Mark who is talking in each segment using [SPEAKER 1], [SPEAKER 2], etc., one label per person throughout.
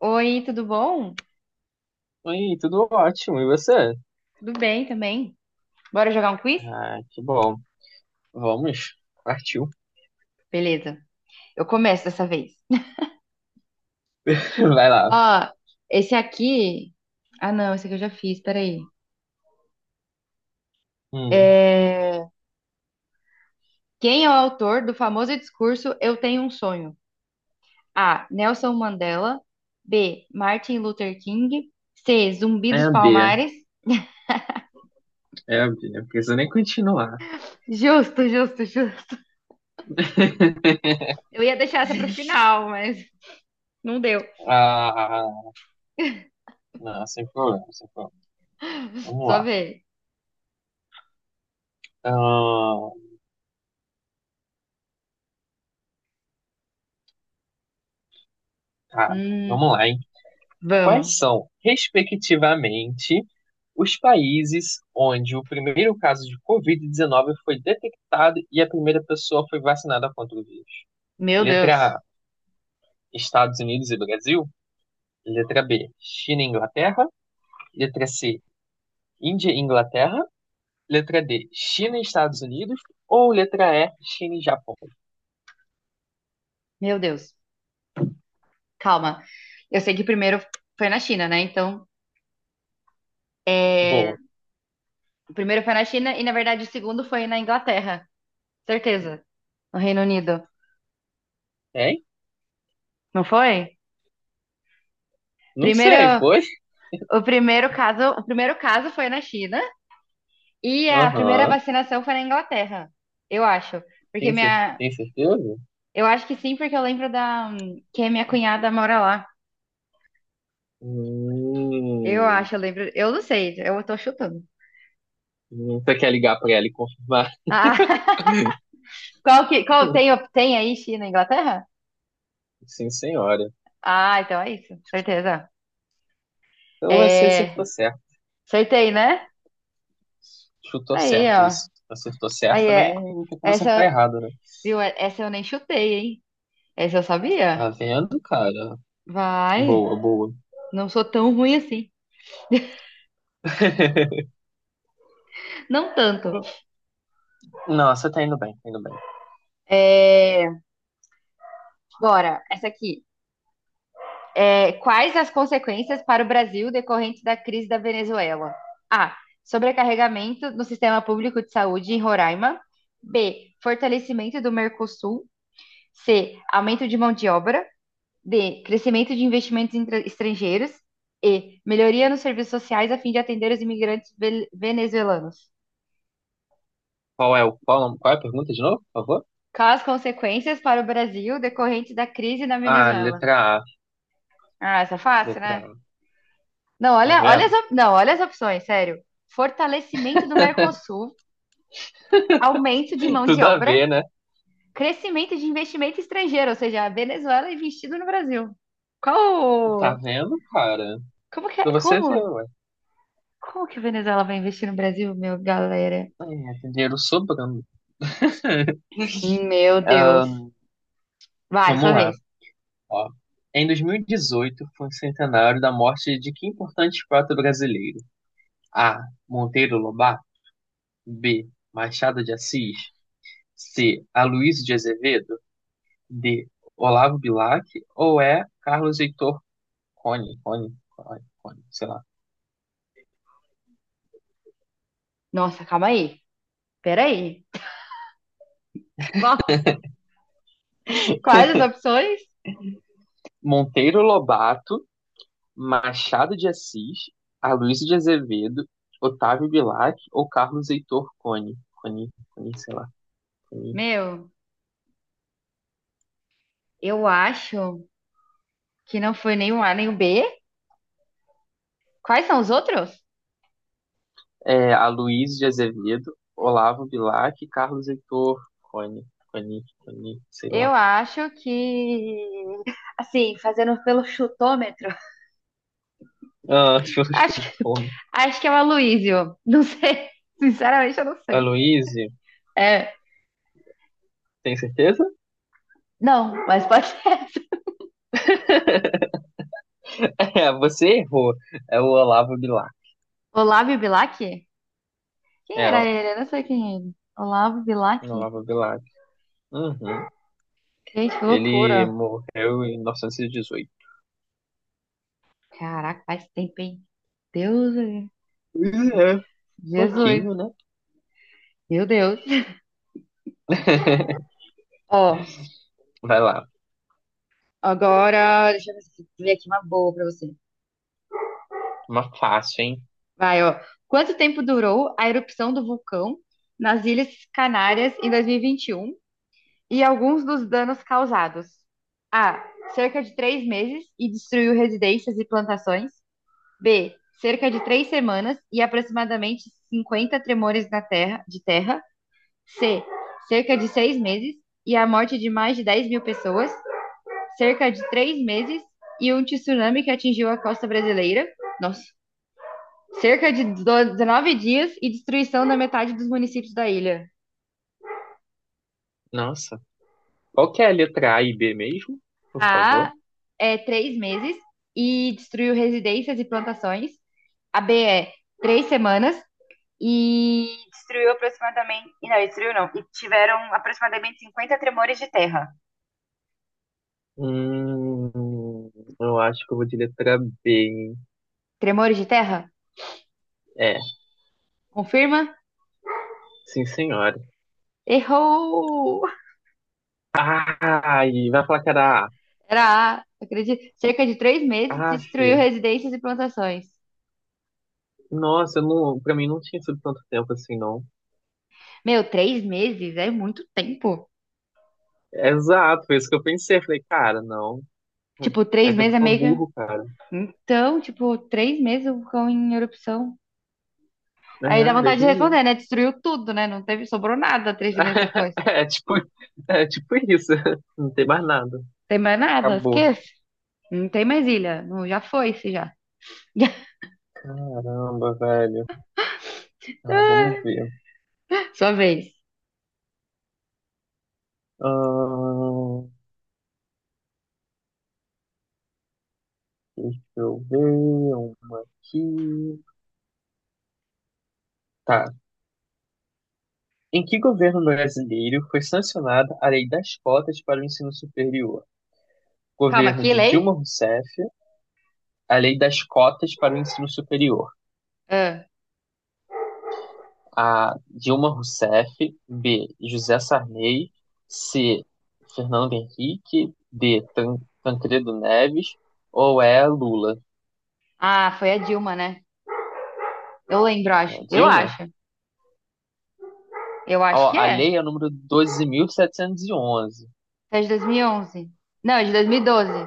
[SPEAKER 1] Oi, tudo bom?
[SPEAKER 2] Oi, tudo ótimo. E você?
[SPEAKER 1] Tudo bem também? Bora jogar um quiz?
[SPEAKER 2] Ah, que bom. Vamos. Partiu.
[SPEAKER 1] Beleza. Eu começo dessa vez.
[SPEAKER 2] Vai lá.
[SPEAKER 1] Ó, esse aqui. Ah, não, esse aqui eu já fiz, peraí.
[SPEAKER 2] Hum,
[SPEAKER 1] É... Quem é o autor do famoso discurso Eu Tenho um Sonho? A. Nelson Mandela. B. Martin Luther King. C. Zumbi
[SPEAKER 2] é
[SPEAKER 1] dos
[SPEAKER 2] a B.
[SPEAKER 1] Palmares.
[SPEAKER 2] É a B. Não precisa nem continuar.
[SPEAKER 1] Justo, justo, justo. Eu ia deixar essa pro final, mas não deu.
[SPEAKER 2] Ah, não, sem problema, sem problema. Vamos
[SPEAKER 1] Só
[SPEAKER 2] lá.
[SPEAKER 1] ver.
[SPEAKER 2] Ah, tá,
[SPEAKER 1] Hum,
[SPEAKER 2] vamos lá, hein?
[SPEAKER 1] vamos.
[SPEAKER 2] Quais são, respectivamente, os países onde o primeiro caso de Covid-19 foi detectado e a primeira pessoa foi vacinada contra o vírus?
[SPEAKER 1] Meu
[SPEAKER 2] Letra
[SPEAKER 1] Deus.
[SPEAKER 2] A, Estados Unidos e Brasil. Letra B, China e Inglaterra. Letra C, Índia e Inglaterra. Letra D, China e Estados Unidos. Ou letra E, China e Japão.
[SPEAKER 1] Meu Deus. Calma. Eu sei que o primeiro foi na China, né? Então, é,
[SPEAKER 2] Boa.
[SPEAKER 1] o primeiro foi na China e, na verdade, o segundo foi na Inglaterra. Certeza. No Reino Unido.
[SPEAKER 2] Hein?
[SPEAKER 1] Não foi?
[SPEAKER 2] Não
[SPEAKER 1] Primeiro,
[SPEAKER 2] sei, foi?
[SPEAKER 1] o primeiro caso foi na China e a primeira
[SPEAKER 2] Aham.
[SPEAKER 1] vacinação foi na Inglaterra. Eu acho. Porque
[SPEAKER 2] Tem,
[SPEAKER 1] minha.
[SPEAKER 2] tem certeza?
[SPEAKER 1] Eu acho que sim, porque eu lembro da. Que a minha cunhada mora lá. Eu
[SPEAKER 2] Hum,
[SPEAKER 1] acho, eu lembro. Eu não sei, eu tô chutando.
[SPEAKER 2] você quer ligar pra ela e confirmar?
[SPEAKER 1] Ah, qual que. Qual, tem aí China e Inglaterra?
[SPEAKER 2] Sim, senhora.
[SPEAKER 1] Ah, então é isso. Certeza.
[SPEAKER 2] Então você
[SPEAKER 1] É,
[SPEAKER 2] acertou certo.
[SPEAKER 1] acertei, né?
[SPEAKER 2] Chutou
[SPEAKER 1] Aí,
[SPEAKER 2] certo
[SPEAKER 1] ó.
[SPEAKER 2] isso. Acertou certo
[SPEAKER 1] Aí
[SPEAKER 2] também,
[SPEAKER 1] é.
[SPEAKER 2] não tem como acertar
[SPEAKER 1] Essa,
[SPEAKER 2] errado, né?
[SPEAKER 1] viu? É- Essa eu nem chutei, hein? Essa eu sabia.
[SPEAKER 2] Tá vendo, cara?
[SPEAKER 1] Vai.
[SPEAKER 2] Boa, boa.
[SPEAKER 1] Não sou tão ruim assim. Não tanto.
[SPEAKER 2] Não, você tá indo bem, tá indo bem.
[SPEAKER 1] É, bora, essa aqui. É, quais as consequências para o Brasil decorrentes da crise da Venezuela? A. Sobrecarregamento no sistema público de saúde em Roraima. B. Fortalecimento do Mercosul. C. Aumento de mão de obra. D. Crescimento de investimentos estrangeiros. E. Melhoria nos serviços sociais a fim de atender os imigrantes venezuelanos.
[SPEAKER 2] Qual é a pergunta de novo, por favor?
[SPEAKER 1] Quais as consequências para o Brasil decorrentes da crise na
[SPEAKER 2] Ah,
[SPEAKER 1] Venezuela?
[SPEAKER 2] letra A,
[SPEAKER 1] Ah, essa é fácil,
[SPEAKER 2] letra
[SPEAKER 1] né?
[SPEAKER 2] A.
[SPEAKER 1] Não,
[SPEAKER 2] Tá
[SPEAKER 1] olha,
[SPEAKER 2] vendo?
[SPEAKER 1] não, olha as opções, sério. Fortalecimento do Mercosul, aumento de mão de
[SPEAKER 2] Tudo a
[SPEAKER 1] obra,
[SPEAKER 2] ver, né?
[SPEAKER 1] crescimento de investimento estrangeiro, ou seja, a Venezuela investindo no Brasil.
[SPEAKER 2] Tá
[SPEAKER 1] Qual?
[SPEAKER 2] vendo, cara?
[SPEAKER 1] Como que
[SPEAKER 2] Pra
[SPEAKER 1] é?
[SPEAKER 2] você ver,
[SPEAKER 1] Como?
[SPEAKER 2] ué.
[SPEAKER 1] Como que a Venezuela vai investir no Brasil, meu galera?
[SPEAKER 2] É, dinheiro sobrando.
[SPEAKER 1] Meu Deus. Vai,
[SPEAKER 2] Vamos
[SPEAKER 1] sua
[SPEAKER 2] lá,
[SPEAKER 1] vez.
[SPEAKER 2] ó. Em 2018 foi o centenário da morte de que importante poeta brasileiro? A. Monteiro Lobato. B. Machado de Assis. C. Aloysio de Azevedo. D. Olavo Bilac. Ou E. Carlos Heitor Cone, Cone, Cone, Cone, sei lá.
[SPEAKER 1] Nossa, calma aí. Peraí. Volta. Quais as opções?
[SPEAKER 2] Monteiro Lobato, Machado de Assis, Aloysio de Azevedo, Otávio Bilac ou Carlos Heitor Cone? Cone, Cone, sei lá, Cone.
[SPEAKER 1] Meu, eu acho que não foi nem o A nem o B. Quais são os outros?
[SPEAKER 2] É, Aloysio de Azevedo, Olavo Bilac, e Carlos Heitor Cone, Cone, Cone, sei
[SPEAKER 1] Eu
[SPEAKER 2] lá.
[SPEAKER 1] acho que. Assim, fazendo pelo chutômetro,
[SPEAKER 2] Ah, deixa eu
[SPEAKER 1] acho que,
[SPEAKER 2] chutar.
[SPEAKER 1] acho que é o Aloysio. Não sei. Sinceramente, eu não sei.
[SPEAKER 2] Aloysio,
[SPEAKER 1] É,
[SPEAKER 2] tem certeza?
[SPEAKER 1] não, mas pode ser.
[SPEAKER 2] É, você errou. É o Olavo Bilac.
[SPEAKER 1] Olavo Bilac? Quem
[SPEAKER 2] É,
[SPEAKER 1] era
[SPEAKER 2] o
[SPEAKER 1] ele? Eu não sei quem é ele. Olavo Bilac?
[SPEAKER 2] Olavo Bilac. Uhum.
[SPEAKER 1] Gente, que
[SPEAKER 2] Ele
[SPEAKER 1] loucura.
[SPEAKER 2] morreu em 1918.
[SPEAKER 1] Caraca, faz tempo, hein? Deus.
[SPEAKER 2] É, um
[SPEAKER 1] Jesus,
[SPEAKER 2] pouquinho, né?
[SPEAKER 1] meu Deus. Ó,
[SPEAKER 2] Vai lá.
[SPEAKER 1] agora, deixa eu ver se- ver aqui uma boa pra você.
[SPEAKER 2] Uma fácil, hein?
[SPEAKER 1] Vai, ó. Quanto tempo durou a erupção do vulcão nas Ilhas Canárias em 2021 e 21 e alguns dos danos causados? A. Cerca de 3 meses e destruiu residências e plantações. B. Cerca de 3 semanas e aproximadamente 50 tremores na terra, de terra. C. Cerca de 6 meses e a morte de mais de 10 mil pessoas. Cerca de três meses e um tsunami que atingiu a costa brasileira. Nossa, cerca de do- 19 dias e destruição da metade dos municípios da ilha.
[SPEAKER 2] Nossa. Qual que é a letra A e B mesmo? Por
[SPEAKER 1] A
[SPEAKER 2] favor.
[SPEAKER 1] é 3 meses e destruiu residências e plantações. A B é 3 semanas e destruiu aproximadamente. E não, destruiu não. E tiveram aproximadamente 50 tremores de terra.
[SPEAKER 2] Hum, eu acho que eu vou de letra B, hein?
[SPEAKER 1] Tremores de terra?
[SPEAKER 2] É,
[SPEAKER 1] Confirma?
[SPEAKER 2] sim, senhora.
[SPEAKER 1] Errou!
[SPEAKER 2] Ai, vai falar que era A.
[SPEAKER 1] Era A, acredito. Cerca de 3 meses
[SPEAKER 2] Aff,
[SPEAKER 1] destruiu residências e plantações.
[SPEAKER 2] nossa, eu não, pra mim não tinha sido tanto tempo assim, não.
[SPEAKER 1] Meu, 3 meses é muito tempo.
[SPEAKER 2] Exato, foi isso que eu pensei. Falei, cara, não.
[SPEAKER 1] Tipo,
[SPEAKER 2] É
[SPEAKER 1] três
[SPEAKER 2] tempo
[SPEAKER 1] meses é
[SPEAKER 2] pra
[SPEAKER 1] meio que.
[SPEAKER 2] burro, cara.
[SPEAKER 1] Então, tipo, 3 meses o vulcão em erupção. Aí dá
[SPEAKER 2] É,
[SPEAKER 1] vontade
[SPEAKER 2] Deus
[SPEAKER 1] de
[SPEAKER 2] me livre.
[SPEAKER 1] responder, né? Destruiu tudo, né? Não teve, sobrou nada 3 meses depois.
[SPEAKER 2] É tipo, é tipo isso. Não tem mais nada.
[SPEAKER 1] Tem mais nada,
[SPEAKER 2] Acabou.
[SPEAKER 1] esquece. Não tem mais ilha. Não, já foi, se já.
[SPEAKER 2] Caramba, velho. Ah, vamos ver.
[SPEAKER 1] Sua vez.
[SPEAKER 2] Ahn, Deixa eu ver uma aqui. Tá. Em que governo brasileiro foi sancionada a Lei das Cotas para o Ensino Superior?
[SPEAKER 1] Calma,
[SPEAKER 2] Governo
[SPEAKER 1] que
[SPEAKER 2] de Dilma
[SPEAKER 1] lei?
[SPEAKER 2] Rousseff, a Lei das Cotas para o Ensino Superior.
[SPEAKER 1] Ah,
[SPEAKER 2] A. Dilma Rousseff. B. José Sarney. C. Fernando Henrique. D. Tancredo Neves. Ou é Lula?
[SPEAKER 1] Ah, foi a Dilma, né? Eu lembro, acho. Eu
[SPEAKER 2] Dilma?
[SPEAKER 1] acho. Eu acho
[SPEAKER 2] Ó,
[SPEAKER 1] que
[SPEAKER 2] a
[SPEAKER 1] é.
[SPEAKER 2] lei é o número 12.711.
[SPEAKER 1] É de 2011. Não, é de 2012.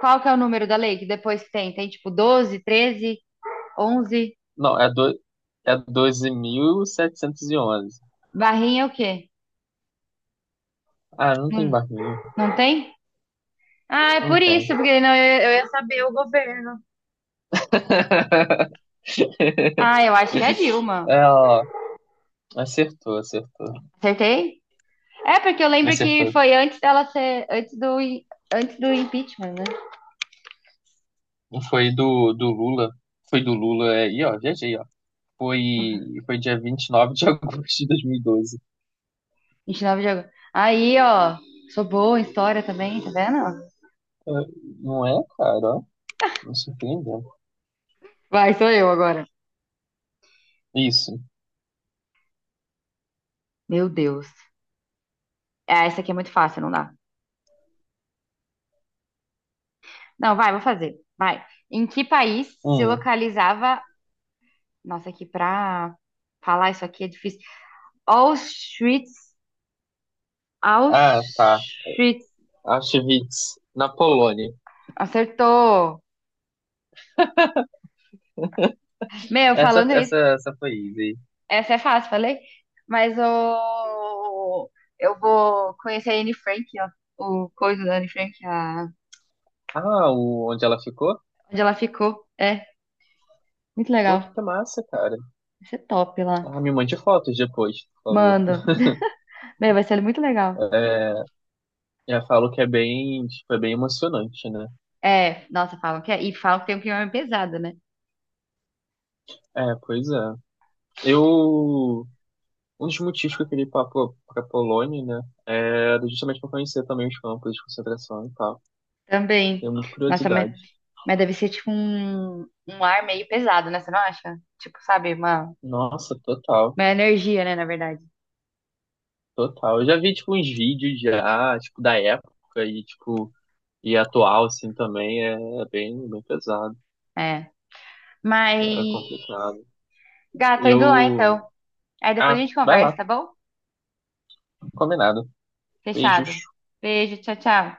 [SPEAKER 1] Qual que é o número da lei que depois tem? Tem tipo 12 13 onze.
[SPEAKER 2] Não, é, do, é 12.711.
[SPEAKER 1] Barrinha é o quê?
[SPEAKER 2] Ah, não tem
[SPEAKER 1] Não,
[SPEAKER 2] barrinho.
[SPEAKER 1] não tem? Ah, é
[SPEAKER 2] Não
[SPEAKER 1] por isso,
[SPEAKER 2] tem.
[SPEAKER 1] porque não, eu ia saber o governo. Ah, eu acho que é Dilma.
[SPEAKER 2] É, ó, acertou, acertou.
[SPEAKER 1] Acertei? É, porque eu lembro que
[SPEAKER 2] Acertou.
[SPEAKER 1] foi antes dela ser, antes do impeachment, né?
[SPEAKER 2] Foi do Lula. Foi do Lula aí, ó. GG, ó. Foi, foi dia 29 de agosto de 2012.
[SPEAKER 1] 29 de agosto. Aí, ó, sou boa em história também, tá vendo?
[SPEAKER 2] É, não é, cara? Ó. Me surpreendeu.
[SPEAKER 1] Vai, sou eu agora.
[SPEAKER 2] Isso.
[SPEAKER 1] Meu Deus. Ah, essa aqui é muito fácil, não dá. Não, vai, vou fazer. Vai. Em que país se
[SPEAKER 2] Hum.
[SPEAKER 1] localizava... Nossa, aqui pra falar isso aqui é difícil. Auschwitz
[SPEAKER 2] Ah, tá.
[SPEAKER 1] Auschwitz.
[SPEAKER 2] Auschwitz, na Polônia.
[SPEAKER 1] Acertou. Meu,
[SPEAKER 2] Essa,
[SPEAKER 1] falando
[SPEAKER 2] essa,
[SPEAKER 1] nisso,
[SPEAKER 2] essa foi easy.
[SPEAKER 1] essa é fácil, falei? Mas o... eu vou conhecer a Anne Frank, ó. O coisa da Anne Frank,
[SPEAKER 2] Ah, o, onde ela ficou?
[SPEAKER 1] onde ela ficou. É, muito
[SPEAKER 2] Pô,
[SPEAKER 1] legal.
[SPEAKER 2] que massa, cara.
[SPEAKER 1] Vai ser top lá.
[SPEAKER 2] Ah, me mande fotos depois, por favor.
[SPEAKER 1] Manda. Meu, vai ser muito legal.
[SPEAKER 2] É, já falo que é bem, tipo, é bem emocionante, né?
[SPEAKER 1] É, nossa, falam que é. E falam que tem um clima pesado, né?
[SPEAKER 2] É, pois é. Eu, um dos motivos que eu queria ir pra, pra Polônia, né, era justamente pra conhecer também os campos de concentração e tal.
[SPEAKER 1] Também.
[SPEAKER 2] Tenho muita
[SPEAKER 1] Nossa, mas,
[SPEAKER 2] curiosidade.
[SPEAKER 1] mas deve ser tipo um ar meio pesado, né? Você não acha? Tipo, sabe, uma,
[SPEAKER 2] Nossa, total,
[SPEAKER 1] uma energia, né, na verdade.
[SPEAKER 2] total. Eu já vi, tipo, uns vídeos já, tipo, da época e, tipo, e atual, assim, também é bem, bem pesado.
[SPEAKER 1] É. Mas,
[SPEAKER 2] É complicado.
[SPEAKER 1] gato, tô indo lá então.
[SPEAKER 2] Eu...
[SPEAKER 1] Aí depois a
[SPEAKER 2] Ah,
[SPEAKER 1] gente
[SPEAKER 2] vai
[SPEAKER 1] conversa,
[SPEAKER 2] lá.
[SPEAKER 1] tá bom?
[SPEAKER 2] Combinado.
[SPEAKER 1] Fechado.
[SPEAKER 2] Beijos.
[SPEAKER 1] Beijo, tchau, tchau.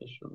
[SPEAKER 2] Deixa